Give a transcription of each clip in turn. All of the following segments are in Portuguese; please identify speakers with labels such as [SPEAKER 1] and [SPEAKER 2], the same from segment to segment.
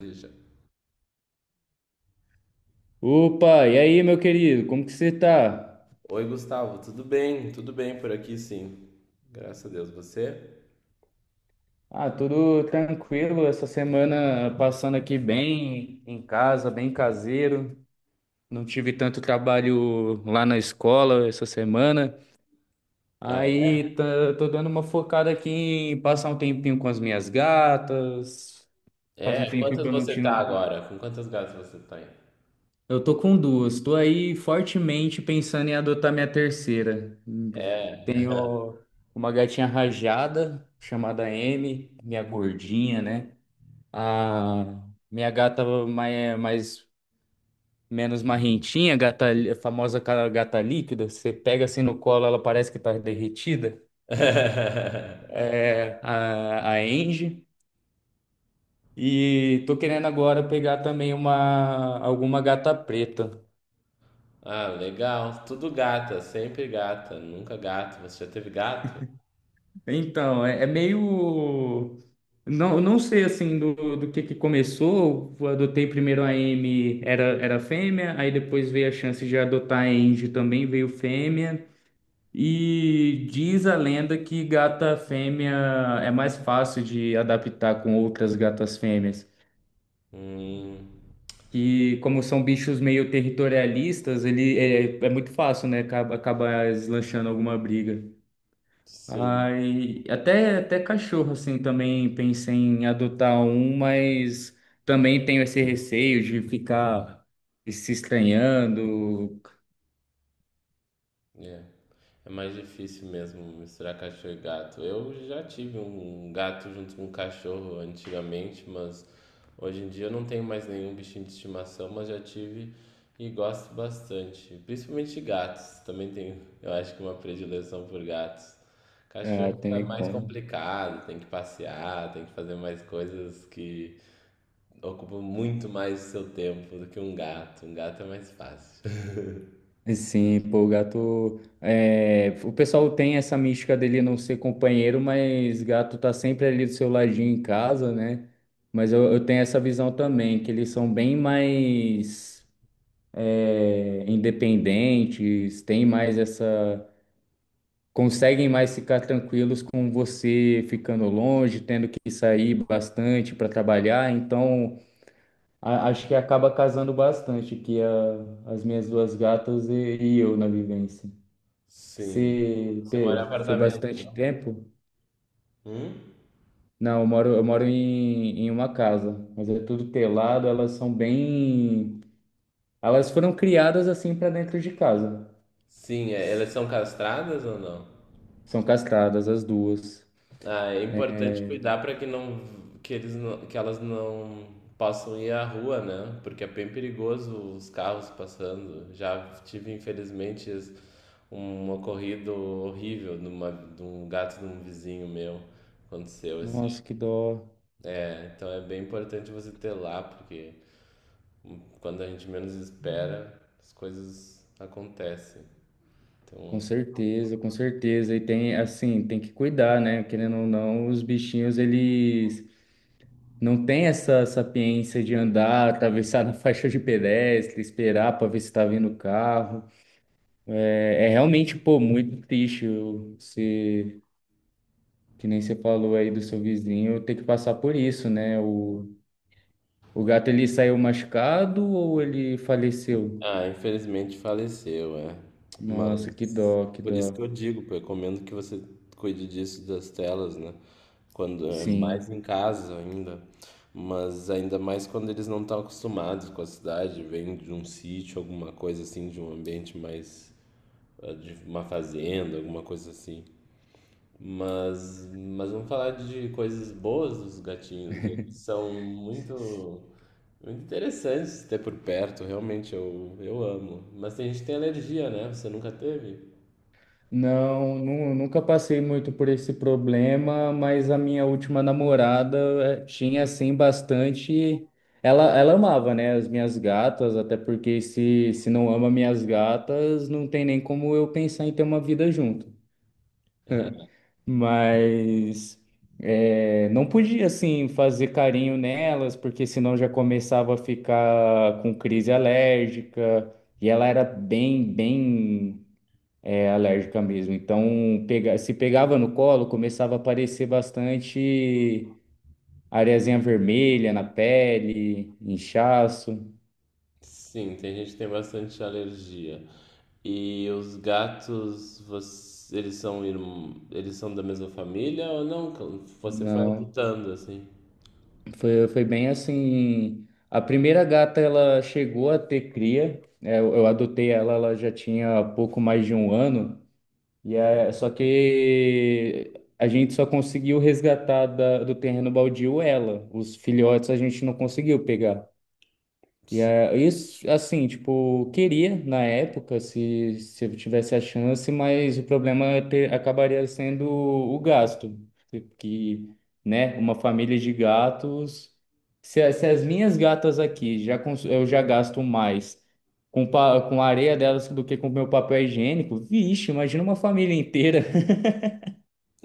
[SPEAKER 1] Deixa.
[SPEAKER 2] Opa, e aí, meu querido, como que você tá?
[SPEAKER 1] Oi, Gustavo, tudo bem? Tudo bem por aqui, sim. Graças a Deus, você?
[SPEAKER 2] Ah, tudo tranquilo, essa semana passando aqui bem em casa, bem caseiro. Não tive tanto trabalho lá na escola essa semana.
[SPEAKER 1] Ah,
[SPEAKER 2] Tô dando uma focada aqui em passar um tempinho com as minhas gatas. Faz um
[SPEAKER 1] é? É,
[SPEAKER 2] tempinho que
[SPEAKER 1] quantas
[SPEAKER 2] eu não
[SPEAKER 1] você tá
[SPEAKER 2] tiro.
[SPEAKER 1] agora? Com quantas gatas você tem?
[SPEAKER 2] Eu tô com duas. Tô aí fortemente pensando em adotar minha terceira.
[SPEAKER 1] É.
[SPEAKER 2] Tenho uma gatinha rajada chamada Amy, minha gordinha, né? A minha gata mais menos marrentinha, gata, a gata líquida. Você pega assim no colo, ela parece que tá derretida. É a Angie. E tô querendo agora pegar também uma alguma gata preta.
[SPEAKER 1] Ah, legal. Tudo gata, sempre gata, nunca gato. Você já teve gato?
[SPEAKER 2] Então, é, é meio. Não sei assim do que começou. Eu adotei primeiro a M, era fêmea, aí depois veio a chance de adotar a Angie também, veio fêmea. E diz a lenda que gata fêmea é mais fácil de adaptar com outras gatas fêmeas.
[SPEAKER 1] Hum,
[SPEAKER 2] Que, como são bichos meio territorialistas, ele é muito fácil, né? Acaba deslanchando alguma briga.
[SPEAKER 1] sim.
[SPEAKER 2] Ai, até cachorro, assim, também pensei em adotar um, mas também tenho esse receio de ficar se estranhando.
[SPEAKER 1] É. É mais difícil mesmo misturar cachorro e gato. Eu já tive um gato junto com um cachorro antigamente, mas hoje em dia eu não tenho mais nenhum bichinho de estimação, mas já tive e gosto bastante. Principalmente gatos. Também tenho, eu acho que uma predileção por gatos.
[SPEAKER 2] Ah,
[SPEAKER 1] Cachorro
[SPEAKER 2] tem
[SPEAKER 1] é
[SPEAKER 2] nem
[SPEAKER 1] mais
[SPEAKER 2] como.
[SPEAKER 1] complicado, tem que passear, tem que fazer mais coisas que ocupam muito mais o seu tempo do que um gato. Um gato é mais fácil.
[SPEAKER 2] Sim, pô, o gato. É, o pessoal tem essa mística dele não ser companheiro, mas gato tá sempre ali do seu ladinho em casa, né? Mas eu tenho essa visão também, que eles são bem mais independentes, tem mais essa. Conseguem mais ficar tranquilos com você ficando longe, tendo que sair bastante para trabalhar. Então, acho que acaba casando bastante que as minhas duas gatas e eu na vivência.
[SPEAKER 1] Sim. Você mora em
[SPEAKER 2] Foi
[SPEAKER 1] apartamento,
[SPEAKER 2] bastante
[SPEAKER 1] né?
[SPEAKER 2] tempo?
[SPEAKER 1] Hum?
[SPEAKER 2] Não, eu moro, eu moro em uma casa, mas é tudo telado, elas são bem. Elas foram criadas assim para dentro de casa.
[SPEAKER 1] Sim, é, elas são castradas ou não?
[SPEAKER 2] São castradas as duas.
[SPEAKER 1] Ah, é importante cuidar para que não que elas não possam ir à rua, né? Porque é bem perigoso os carros passando. Já tive, infelizmente, um ocorrido horrível de, uma, de um gato de um vizinho meu. Aconteceu esse.
[SPEAKER 2] Nossa, que dó.
[SPEAKER 1] É, então é bem importante você ter lá, porque quando a gente menos espera, as coisas acontecem.
[SPEAKER 2] Com
[SPEAKER 1] Então
[SPEAKER 2] certeza, com certeza. E tem, assim, tem que cuidar, né? Querendo ou não, os bichinhos, eles não têm essa sapiência de andar, atravessar na faixa de pedestre, esperar para ver se tá vindo o carro. É, é realmente, pô, muito triste o- se, que nem você falou aí do seu vizinho, ter que passar por isso, né? O gato, ele saiu machucado ou ele faleceu?
[SPEAKER 1] ah, infelizmente faleceu, é.
[SPEAKER 2] Nossa, que
[SPEAKER 1] Mas
[SPEAKER 2] dó, que
[SPEAKER 1] por isso que
[SPEAKER 2] dó.
[SPEAKER 1] eu digo, pô, eu recomendo que você cuide disso das telas, né? Quando é mais em
[SPEAKER 2] Sim.
[SPEAKER 1] casa ainda, mas ainda mais quando eles não estão acostumados com a cidade, vêm de um sítio, alguma coisa assim, de um ambiente mais ah, de uma fazenda, alguma coisa assim. Mas vamos falar de coisas boas dos gatinhos. Eles são muito interessante ter por perto, realmente eu amo. Mas tem gente que tem alergia, né? Você nunca teve?
[SPEAKER 2] Não, nunca passei muito por esse problema, mas a minha última namorada tinha assim bastante. Ela amava, né, as minhas gatas, até porque se não ama minhas gatas, não tem nem como eu pensar em ter uma vida junto. Mas não podia assim fazer carinho nelas, porque senão já começava a ficar com crise alérgica. E ela era bem alérgica mesmo. Então, pega, se pegava no colo, começava a aparecer bastante areazinha vermelha na pele, inchaço.
[SPEAKER 1] Sim, tem gente que tem bastante alergia. E os gatos, eles são eles são da mesma família ou não? Você foi
[SPEAKER 2] Não,
[SPEAKER 1] adotando assim?
[SPEAKER 2] foi bem assim. A primeira gata, ela chegou a ter cria. É, eu adotei ela, ela já tinha pouco mais de um ano. E é, só que a gente só conseguiu resgatar do terreno baldio ela. Os filhotes a gente não conseguiu pegar. E é, isso, assim, tipo, queria na época, se eu tivesse a chance, mas o problema é acabaria sendo o gasto. Que, né, uma família de gatos. Se as minhas gatas aqui eu já gasto mais com a areia delas do que com o meu papel higiênico, vixe, imagina uma família inteira.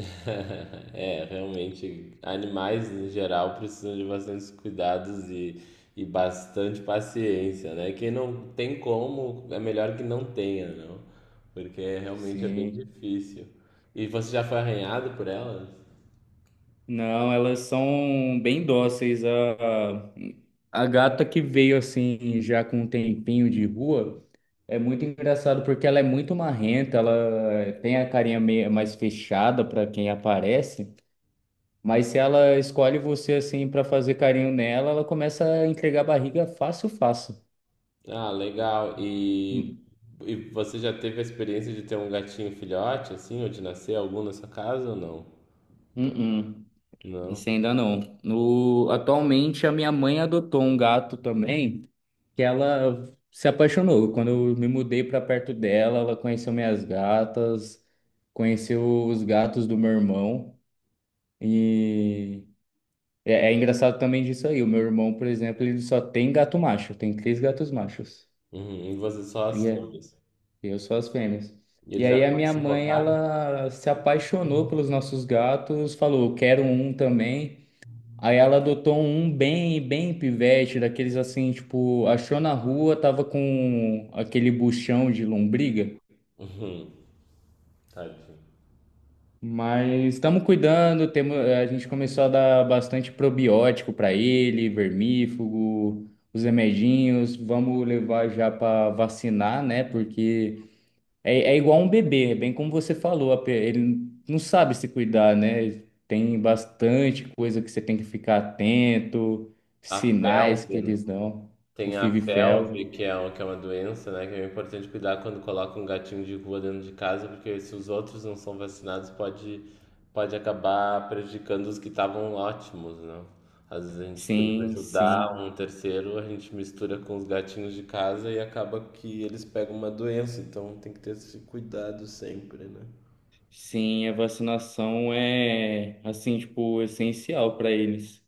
[SPEAKER 1] É, realmente, animais em geral precisam de bastantes cuidados e bastante paciência, né? Quem não tem como, é melhor que não tenha, não? Porque realmente é bem
[SPEAKER 2] Sim.
[SPEAKER 1] difícil. E você já foi arranhado por elas?
[SPEAKER 2] Não, elas são bem dóceis. A gata que veio assim, já com um tempinho de rua, é muito engraçado porque ela é muito marrenta, ela tem a carinha meio mais fechada para quem aparece, mas se ela escolhe você assim para fazer carinho nela, ela começa a entregar barriga fácil, fácil.
[SPEAKER 1] Ah, legal.
[SPEAKER 2] Hum,
[SPEAKER 1] E você já teve a experiência de ter um gatinho filhote, assim, ou de nascer algum na sua casa ou não?
[SPEAKER 2] hum, hum.
[SPEAKER 1] Não.
[SPEAKER 2] Esse ainda não. No, atualmente a minha mãe adotou um gato também, que ela se apaixonou. Quando eu me mudei para perto dela, ela conheceu minhas gatas, conheceu os gatos do meu irmão. E é, é engraçado também disso aí. O meu irmão, por exemplo, ele só tem gato macho, tem três gatos machos.
[SPEAKER 1] Uhum. E você só as
[SPEAKER 2] E é,
[SPEAKER 1] fêmeas.
[SPEAKER 2] eu sou as fêmeas.
[SPEAKER 1] E
[SPEAKER 2] E
[SPEAKER 1] eles
[SPEAKER 2] aí
[SPEAKER 1] já
[SPEAKER 2] a minha mãe,
[SPEAKER 1] suportaram?
[SPEAKER 2] ela se apaixonou pelos nossos gatos, falou, quero um também. Aí ela adotou um bem pivete, daqueles assim, tipo, achou na rua, tava com aquele buchão de lombriga.
[SPEAKER 1] Uhum. Tadinho.
[SPEAKER 2] Mas estamos cuidando, temos, a gente começou a dar bastante probiótico para ele, vermífugo, os remedinhos, vamos levar já para vacinar, né? Porque é, é igual um bebê, é bem como você falou, ele não sabe se cuidar, né? Tem bastante coisa que você tem que ficar atento,
[SPEAKER 1] A
[SPEAKER 2] sinais que
[SPEAKER 1] felve,
[SPEAKER 2] eles dão, o
[SPEAKER 1] tem a felve,
[SPEAKER 2] FIV-FeLV.
[SPEAKER 1] que é, que é uma doença, né? Que é importante cuidar quando coloca um gatinho de rua dentro de casa, porque se os outros não são vacinados, pode acabar prejudicando os que estavam ótimos, né? Às vezes a gente querendo
[SPEAKER 2] Sim,
[SPEAKER 1] ajudar
[SPEAKER 2] sim,
[SPEAKER 1] um terceiro, a gente mistura com os gatinhos de casa e acaba que eles pegam uma doença, então tem que ter esse cuidado sempre, né?
[SPEAKER 2] sim, a vacinação é, assim, tipo, essencial para eles.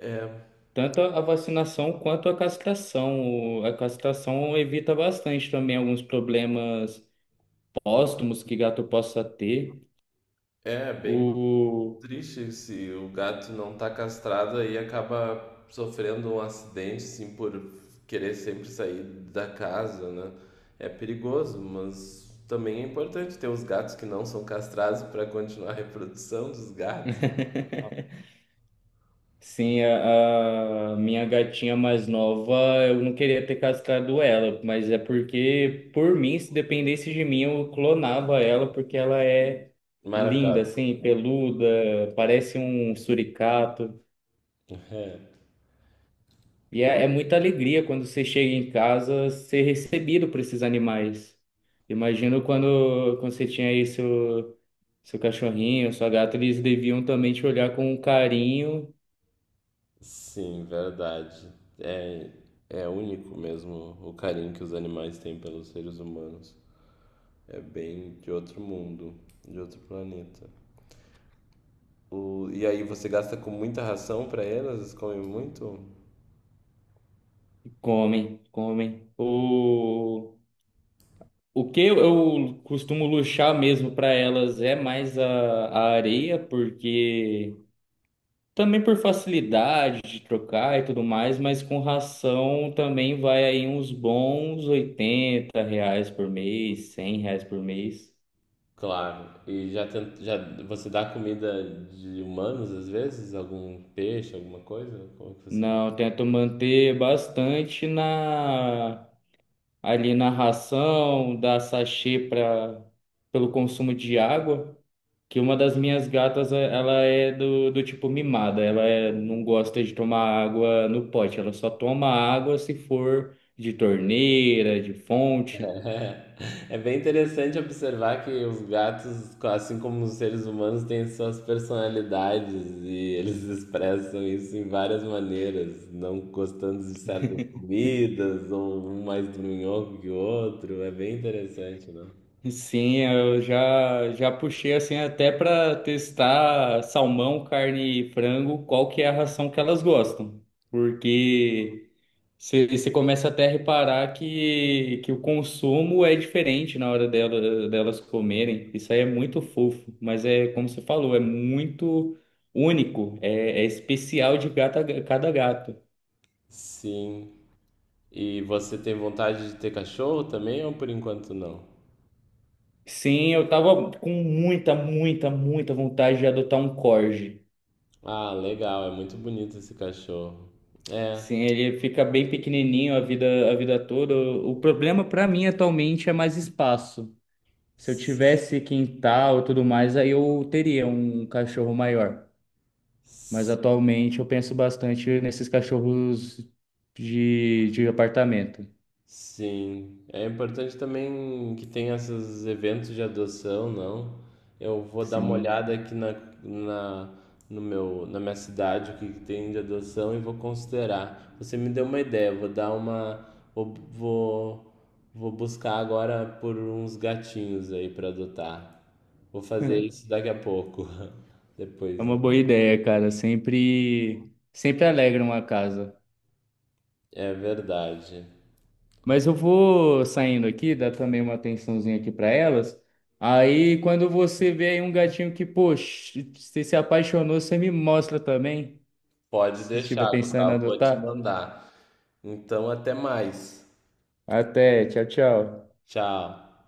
[SPEAKER 1] É,
[SPEAKER 2] Tanto a vacinação quanto a castração. A castração evita bastante também alguns problemas póstumos que gato possa ter.
[SPEAKER 1] é bem
[SPEAKER 2] O...
[SPEAKER 1] triste se o gato não tá castrado aí acaba sofrendo um acidente, assim, por querer sempre sair da casa, né? É perigoso, mas também é importante ter os gatos que não são castrados para continuar a reprodução dos gatos.
[SPEAKER 2] Sim, a minha gatinha mais nova, eu não queria ter castrado ela, mas é porque, por mim, se dependesse de mim, eu clonava ela, porque ela é linda,
[SPEAKER 1] Maravilhoso.
[SPEAKER 2] assim, peluda, parece um suricato.
[SPEAKER 1] É,
[SPEAKER 2] E é, é muita alegria quando você chega em casa ser recebido por esses animais. Imagino quando você tinha aí seu, seu cachorrinho, sua gata, eles deviam também te olhar com um carinho.
[SPEAKER 1] sim, verdade. É, é único mesmo o carinho que os animais têm pelos seres humanos. É bem de outro mundo, de outro planeta. O, e aí você gasta com muita ração para elas? Elas comem muito?
[SPEAKER 2] Comem, comem. O que eu costumo luxar mesmo para elas é mais a areia, porque também por facilidade de trocar e tudo mais, mas com ração também vai aí uns bons 80 reais por mês, 100 reais por mês.
[SPEAKER 1] Claro. E já você dá comida de humanos às vezes? Algum peixe, alguma coisa? Como é que você faz?
[SPEAKER 2] Não, eu tento manter bastante na ali na ração, dar sachê para pelo consumo de água. Que uma das minhas gatas, ela é do tipo mimada, não gosta de tomar água no pote, ela só toma água se for de torneira, de fonte.
[SPEAKER 1] É, é bem interessante observar que os gatos, assim como os seres humanos, têm suas personalidades e eles expressam isso em várias maneiras, não gostando de certas comidas, ou um mais dorminhoco que o outro. É bem interessante, né?
[SPEAKER 2] Sim, eu já, já puxei assim até para testar salmão, carne e frango, qual que é a ração que elas gostam. Porque você, você começa até a reparar que o consumo é diferente na hora delas comerem. Isso aí é muito fofo, mas é como você falou, é muito único, é, é especial de cada gato.
[SPEAKER 1] Sim. E você tem vontade de ter cachorro também ou por enquanto não?
[SPEAKER 2] Sim, eu tava com muita vontade de adotar um corgi.
[SPEAKER 1] Ah, legal, é muito bonito esse cachorro. É.
[SPEAKER 2] Sim, ele fica bem pequenininho a vida toda. O problema para mim atualmente é mais espaço. Se eu tivesse quintal e tudo mais, aí eu teria um cachorro maior. Mas atualmente eu penso bastante nesses cachorros de apartamento.
[SPEAKER 1] Sim, é importante também que tenha esses eventos de adoção, não? Eu vou dar uma
[SPEAKER 2] Sim.
[SPEAKER 1] olhada na, no meu, na minha cidade, o que que tem de adoção e vou considerar. Você me deu uma ideia, vou dar uma, vou, vou, vou buscar agora por uns gatinhos aí para adotar. Vou fazer isso daqui a pouco,
[SPEAKER 2] É
[SPEAKER 1] depois
[SPEAKER 2] uma
[SPEAKER 1] do...
[SPEAKER 2] boa ideia, cara. Sempre alegra uma casa.
[SPEAKER 1] É verdade.
[SPEAKER 2] Mas eu vou saindo aqui, dar também uma atençãozinha aqui para elas. Aí, quando você vê aí um gatinho que, poxa, você se apaixonou, você me mostra também,
[SPEAKER 1] Pode
[SPEAKER 2] se estiver
[SPEAKER 1] deixar,
[SPEAKER 2] pensando em
[SPEAKER 1] Gustavo, vou te
[SPEAKER 2] adotar.
[SPEAKER 1] mandar. Então, até mais.
[SPEAKER 2] Até, tchau, tchau.
[SPEAKER 1] Tchau.